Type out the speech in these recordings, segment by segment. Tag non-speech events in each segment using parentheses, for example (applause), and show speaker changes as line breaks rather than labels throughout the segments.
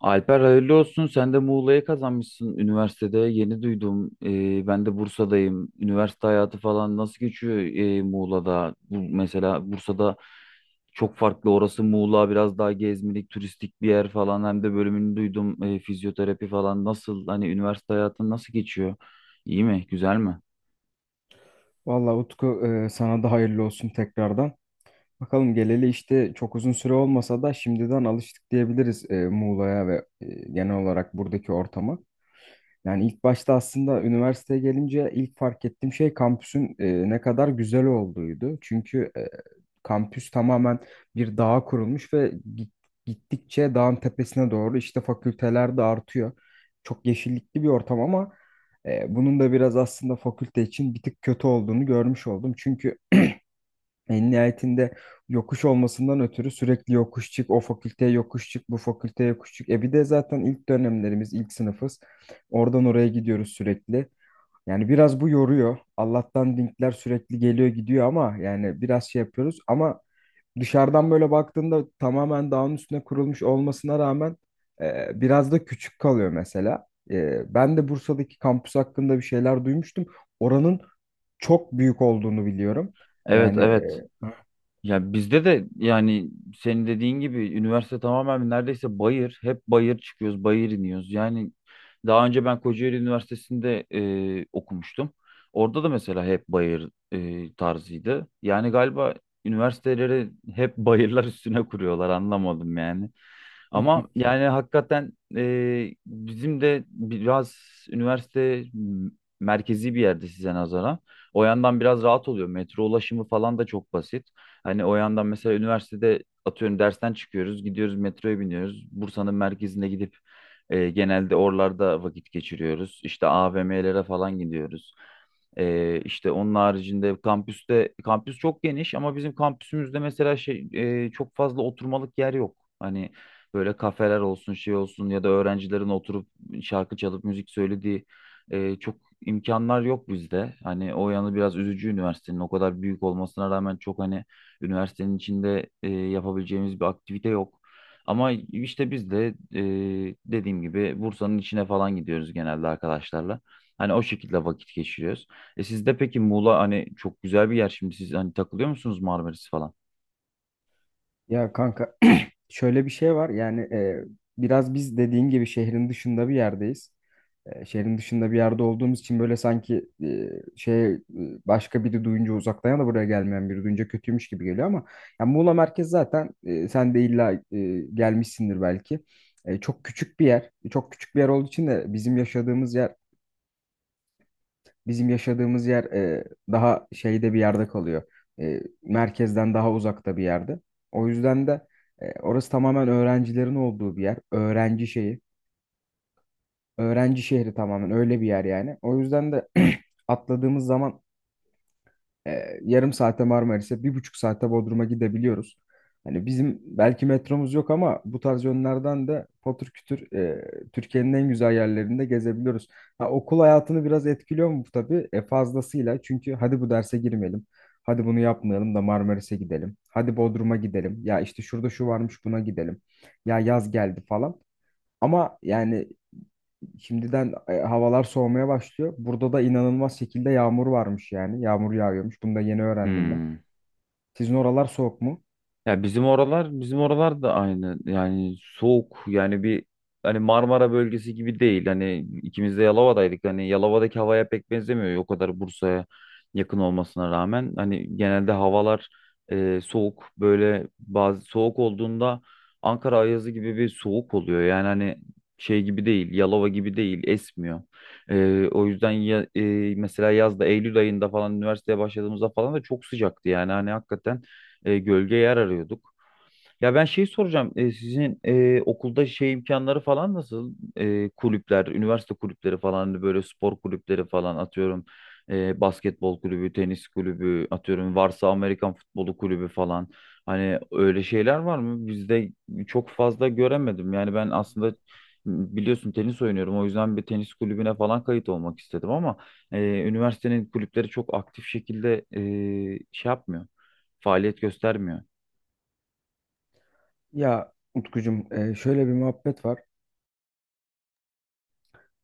Alper hayırlı olsun. Sen de Muğla'yı kazanmışsın üniversitede. Yeni duydum. Ben de Bursa'dayım. Üniversite hayatı falan nasıl geçiyor Muğla'da? Bu, mesela Bursa'da çok farklı. Orası Muğla biraz daha gezmelik, turistik bir yer falan. Hem de bölümünü duydum. Fizyoterapi falan. Nasıl? Hani üniversite hayatın nasıl geçiyor? İyi mi? Güzel mi?
Vallahi Utku, sana da hayırlı olsun tekrardan. Bakalım geleli işte çok uzun süre olmasa da şimdiden alıştık diyebiliriz Muğla'ya ve genel olarak buradaki ortama. Yani ilk başta aslında üniversiteye gelince ilk fark ettiğim şey kampüsün ne kadar güzel olduğuydu. Çünkü kampüs tamamen bir dağa kurulmuş ve gittikçe dağın tepesine doğru işte fakülteler de artıyor. Çok yeşillikli bir ortam ama bunun da biraz aslında fakülte için bir tık kötü olduğunu görmüş oldum. Çünkü en nihayetinde yokuş olmasından ötürü sürekli yokuş çık, o fakülteye yokuş çık, bu fakülteye yokuş çık. Bir de zaten ilk dönemlerimiz, ilk sınıfız. Oradan oraya gidiyoruz sürekli. Yani biraz bu yoruyor. Allah'tan linkler sürekli geliyor gidiyor ama yani biraz şey yapıyoruz. Ama dışarıdan böyle baktığında tamamen dağın üstüne kurulmuş olmasına rağmen biraz da küçük kalıyor mesela. Ben de Bursa'daki kampüs hakkında bir şeyler duymuştum. Oranın çok büyük olduğunu biliyorum.
Evet,
Yani
evet. Ya bizde de yani senin dediğin gibi üniversite tamamen neredeyse bayır. Hep bayır çıkıyoruz, bayır iniyoruz. Yani daha önce ben Kocaeli Üniversitesi'nde okumuştum. Orada da mesela hep bayır tarzıydı. Yani galiba üniversiteleri hep (laughs) bayırlar üstüne kuruyorlar, anlamadım yani. Ama
(laughs)
yani hakikaten bizim de biraz üniversite m- merkezi bir yerde size nazaran. O yandan biraz rahat oluyor. Metro ulaşımı falan da çok basit. Hani o yandan mesela üniversitede atıyorum dersten çıkıyoruz, gidiyoruz metroya biniyoruz. Bursa'nın merkezine gidip genelde oralarda vakit geçiriyoruz. İşte AVM'lere falan gidiyoruz. İşte onun haricinde kampüste, kampüs çok geniş ama bizim kampüsümüzde mesela şey çok fazla oturmalık yer yok. Hani böyle kafeler olsun, şey olsun ya da öğrencilerin oturup şarkı çalıp müzik söylediği çok imkanlar yok bizde. Hani o yanı biraz üzücü, üniversitenin o kadar büyük olmasına rağmen çok hani üniversitenin içinde yapabileceğimiz bir aktivite yok. Ama işte biz de e, dediğim gibi Bursa'nın içine falan gidiyoruz genelde arkadaşlarla. Hani o şekilde vakit geçiriyoruz. E sizde peki Muğla hani çok güzel bir yer, şimdi siz hani takılıyor musunuz Marmaris falan?
Ya kanka, (clears throat) şöyle bir şey var yani biraz biz dediğin gibi şehrin dışında bir yerdeyiz. Şehrin dışında bir yerde olduğumuz için böyle sanki şey başka biri duyunca uzaktan ya da buraya gelmeyen biri duyunca kötüymüş gibi geliyor ama yani Muğla merkez zaten sen de illa gelmişsindir belki. Çok küçük bir yer. Çok küçük bir yer olduğu için de bizim yaşadığımız yer daha şeyde bir yerde kalıyor. Merkezden daha uzakta bir yerde. O yüzden de orası tamamen öğrencilerin olduğu bir yer. Öğrenci şeyi. Öğrenci şehri tamamen öyle bir yer yani. O yüzden de (clears throat) atladığımız zaman yarım saate Marmaris'e, bir buçuk saate Bodrum'a gidebiliyoruz. Hani bizim belki metromuz yok ama bu tarz yönlerden de patır kütür Türkiye'nin en güzel yerlerinde gezebiliyoruz. Ha, okul hayatını biraz etkiliyor mu bu tabii? Fazlasıyla. Çünkü hadi bu derse girmeyelim. Hadi bunu yapmayalım da Marmaris'e gidelim. Hadi Bodrum'a gidelim. Ya işte şurada şu varmış buna gidelim. Ya yaz geldi falan. Ama yani şimdiden havalar soğumaya başlıyor. Burada da inanılmaz şekilde yağmur varmış yani. Yağmur yağıyormuş. Bunu da yeni öğrendim ben.
Hmm.
Sizin oralar soğuk mu?
Ya bizim oralar da aynı yani soğuk, yani bir hani Marmara bölgesi gibi değil, hani ikimiz de Yalova'daydık, hani Yalova'daki havaya pek benzemiyor o kadar Bursa'ya yakın olmasına rağmen. Hani genelde havalar soğuk, böyle bazı soğuk olduğunda Ankara ayazı gibi bir soğuk oluyor yani. Hani şey gibi değil, Yalova gibi değil, esmiyor. O yüzden ya, mesela yazda Eylül ayında falan üniversiteye başladığımızda falan da çok sıcaktı, yani hani hakikaten gölge yer arıyorduk. Ya ben şey soracağım. Sizin okulda şey imkanları falan nasıl? E, kulüpler, üniversite kulüpleri falan, hani böyle spor kulüpleri falan atıyorum. Basketbol kulübü, tenis kulübü atıyorum. Varsa Amerikan futbolu kulübü falan. Hani öyle şeyler var mı? Bizde çok fazla göremedim. Yani ben aslında biliyorsun tenis oynuyorum. O yüzden bir tenis kulübüne falan kayıt olmak istedim ama üniversitenin kulüpleri çok aktif şekilde şey yapmıyor. Faaliyet göstermiyor.
Ya Utkucuğum, şöyle bir muhabbet var.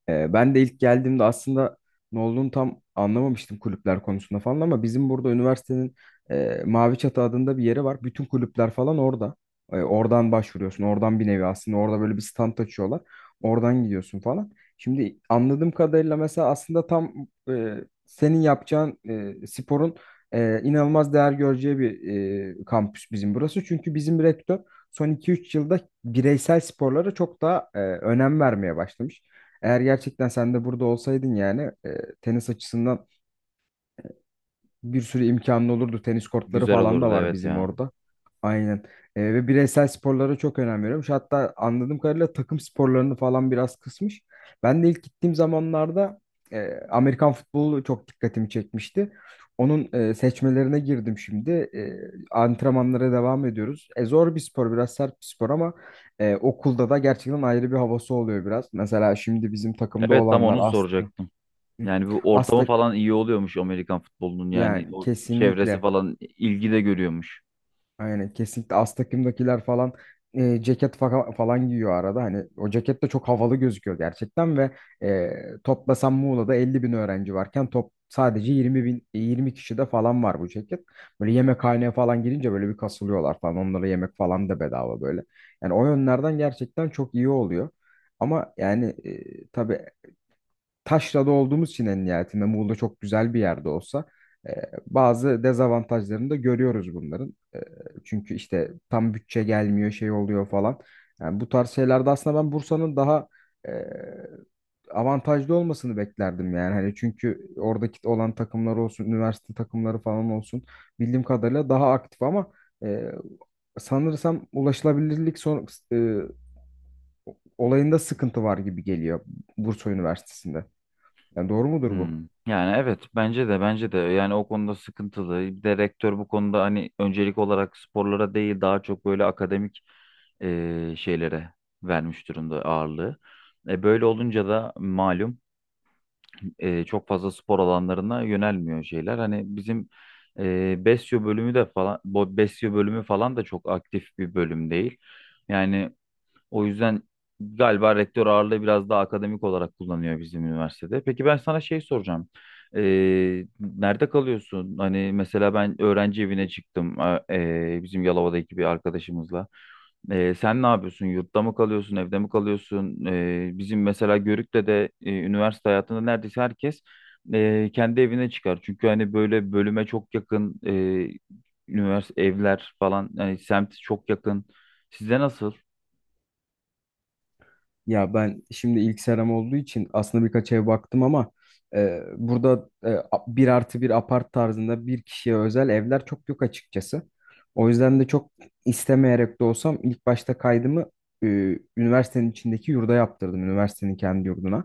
Ben de ilk geldiğimde aslında ne olduğunu tam anlamamıştım kulüpler konusunda falan ama bizim burada üniversitenin Mavi Çatı adında bir yeri var. Bütün kulüpler falan orada. Oradan başvuruyorsun. Oradan bir nevi aslında orada böyle bir stand açıyorlar. Oradan gidiyorsun falan. Şimdi anladığım kadarıyla mesela aslında tam e, senin yapacağın sporun inanılmaz değer göreceği bir kampüs bizim burası. Çünkü bizim rektör son iki üç yılda bireysel sporlara çok daha önem vermeye başlamış. Eğer gerçekten sen de burada olsaydın yani tenis açısından bir sürü imkanın olurdu. Tenis kortları
Güzel
falan da
olurdu,
var
evet
bizim
ya.
orada. Aynen. Ve bireysel sporlara çok önem veriyormuş. Hatta anladığım kadarıyla takım sporlarını falan biraz kısmış. Ben de ilk gittiğim zamanlarda Amerikan futbolu çok dikkatimi çekmişti. Onun seçmelerine girdim şimdi. Antrenmanlara devam ediyoruz. Zor bir spor, biraz sert bir spor ama okulda da gerçekten ayrı bir havası oluyor biraz. Mesela şimdi bizim takımda
Evet, tam
olanlar
onu
aslında.
soracaktım.
Hı.
Yani bu ortamı
Astak
falan iyi oluyormuş Amerikan futbolunun, yani
yani
o çevresi
kesinlikle,
falan ilgi de görüyormuş.
aynen kesinlikle az takımdakiler falan ceket falan giyiyor arada. Hani o ceket de çok havalı gözüküyor gerçekten ve e, toplasan Muğla'da 50 bin öğrenci varken top sadece 20 bin 20 kişi de falan var bu ceket, böyle yemekhaneye falan girince böyle bir kasılıyorlar falan, onlara yemek falan da bedava böyle. Yani o yönlerden gerçekten çok iyi oluyor ama yani tabii taşrada olduğumuz için en nihayetinde Muğla çok güzel bir yerde olsa e, bazı dezavantajlarını da görüyoruz bunların. Çünkü işte tam bütçe gelmiyor, şey oluyor falan. Yani bu tarz şeylerde aslında ben Bursa'nın daha e, avantajlı olmasını beklerdim yani. Hani çünkü oradaki olan takımlar olsun, üniversite takımları falan olsun bildiğim kadarıyla daha aktif ama e, sanırsam ulaşılabilirlik e, olayında sıkıntı var gibi geliyor Bursa Üniversitesi'nde. Yani doğru mudur bu?
Hmm. Yani evet, bence de yani o konuda sıkıntılı. Bir de rektör bu konuda hani öncelik olarak sporlara değil daha çok böyle akademik şeylere vermiş durumda ağırlığı. E, böyle olunca da malum çok fazla spor alanlarına yönelmiyor şeyler. Hani bizim Besyo bölümü de falan, Besyo bölümü falan da çok aktif bir bölüm değil. Yani o yüzden galiba rektör ağırlığı biraz daha akademik olarak kullanıyor bizim üniversitede. Peki ben sana şey soracağım. Nerede kalıyorsun? Hani mesela ben öğrenci evine çıktım, bizim Yalova'daki bir arkadaşımızla. Sen ne yapıyorsun? Yurtta mı kalıyorsun? Evde mi kalıyorsun? Bizim mesela Görük'te de üniversite hayatında neredeyse herkes kendi evine çıkar. Çünkü hani böyle bölüme çok yakın üniversite evler, falan yani semt çok yakın. Sizde nasıl?
Ya ben şimdi ilk seram olduğu için aslında birkaç ev baktım ama burada bir artı bir apart tarzında bir kişiye özel evler çok yok açıkçası. O yüzden de çok istemeyerek de olsam ilk başta kaydımı e, üniversitenin içindeki yurda yaptırdım. Üniversitenin kendi yurduna.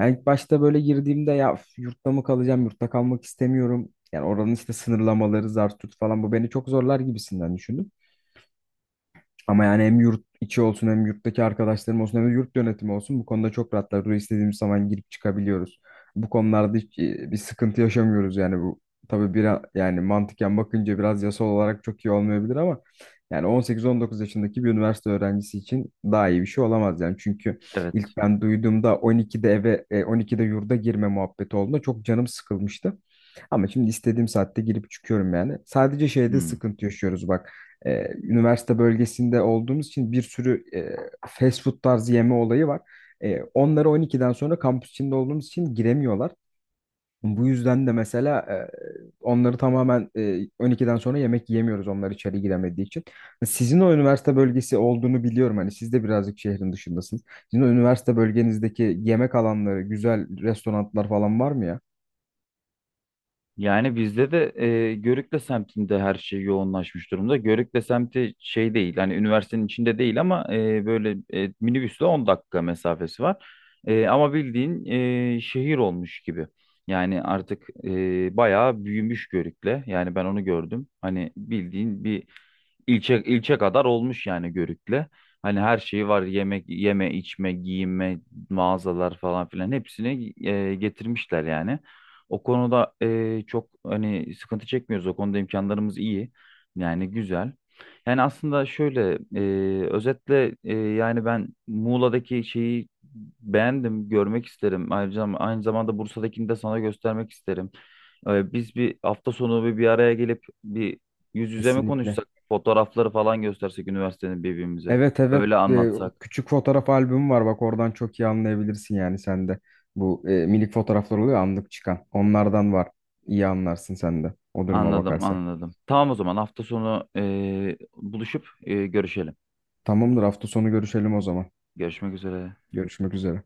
Yani ilk başta böyle girdiğimde ya üf, yurtta mı kalacağım, yurtta kalmak istemiyorum. Yani oranın işte sınırlamaları, zar tut falan bu beni çok zorlar gibisinden düşündüm. Ama yani hem yurt içi olsun hem yurttaki arkadaşlarım olsun hem de yurt yönetimi olsun bu konuda çok rahatlar. Buraya istediğimiz zaman girip çıkabiliyoruz. Bu konularda hiç bir sıkıntı yaşamıyoruz yani bu. Tabii biraz yani mantıken bakınca biraz yasal olarak çok iyi olmayabilir ama yani 18-19 yaşındaki bir üniversite öğrencisi için daha iyi bir şey olamaz yani. Çünkü ilk
Evet.
ben duyduğumda 12'de eve 12'de yurda girme muhabbeti olduğunda çok canım sıkılmıştı. Ama şimdi istediğim saatte girip çıkıyorum yani. Sadece şeyde
Hmm.
sıkıntı yaşıyoruz bak, üniversite bölgesinde olduğumuz için bir sürü fast food tarzı yeme olayı var. Onları 12'den sonra kampüs içinde olduğumuz için giremiyorlar. Bu yüzden de mesela onları tamamen 12'den sonra yemek yiyemiyoruz onlar içeri giremediği için. Sizin o üniversite bölgesi olduğunu biliyorum. Hani siz de birazcık şehrin dışındasınız. Sizin o üniversite bölgenizdeki yemek alanları, güzel restoranlar falan var mı ya?
Yani bizde de Görükle semtinde her şey yoğunlaşmış durumda. Görükle semti şey değil, hani üniversitenin içinde değil ama böyle minibüsle 10 dakika mesafesi var. Ama bildiğin şehir olmuş gibi. Yani artık bayağı büyümüş Görükle. Yani ben onu gördüm. Hani bildiğin bir İlçe, ilçe kadar olmuş yani Görük'le. Hani her şeyi var: yemek, yeme, içme, giyinme, mağazalar falan filan, hepsini getirmişler yani. O konuda çok hani sıkıntı çekmiyoruz. O konuda imkanlarımız iyi. Yani güzel. Yani aslında şöyle özetle yani ben Muğla'daki şeyi beğendim, görmek isterim. Ayrıca aynı zamanda Bursa'dakini de sana göstermek isterim. E, biz bir hafta sonu bir araya gelip bir yüz yüze mi
Kesinlikle.
konuşsak? Fotoğrafları falan göstersek üniversitenin birbirimize.
Evet, evet.
Öyle anlatsak.
Küçük fotoğraf albümü var bak, oradan çok iyi anlayabilirsin yani sen de. Bu minik fotoğraflar oluyor anlık çıkan. Onlardan var. İyi anlarsın sen de o duruma
Anladım,
bakarsak.
anladım. Tamam, o zaman hafta sonu buluşup görüşelim.
Tamamdır hafta sonu görüşelim o zaman.
Görüşmek üzere.
Görüşmek üzere.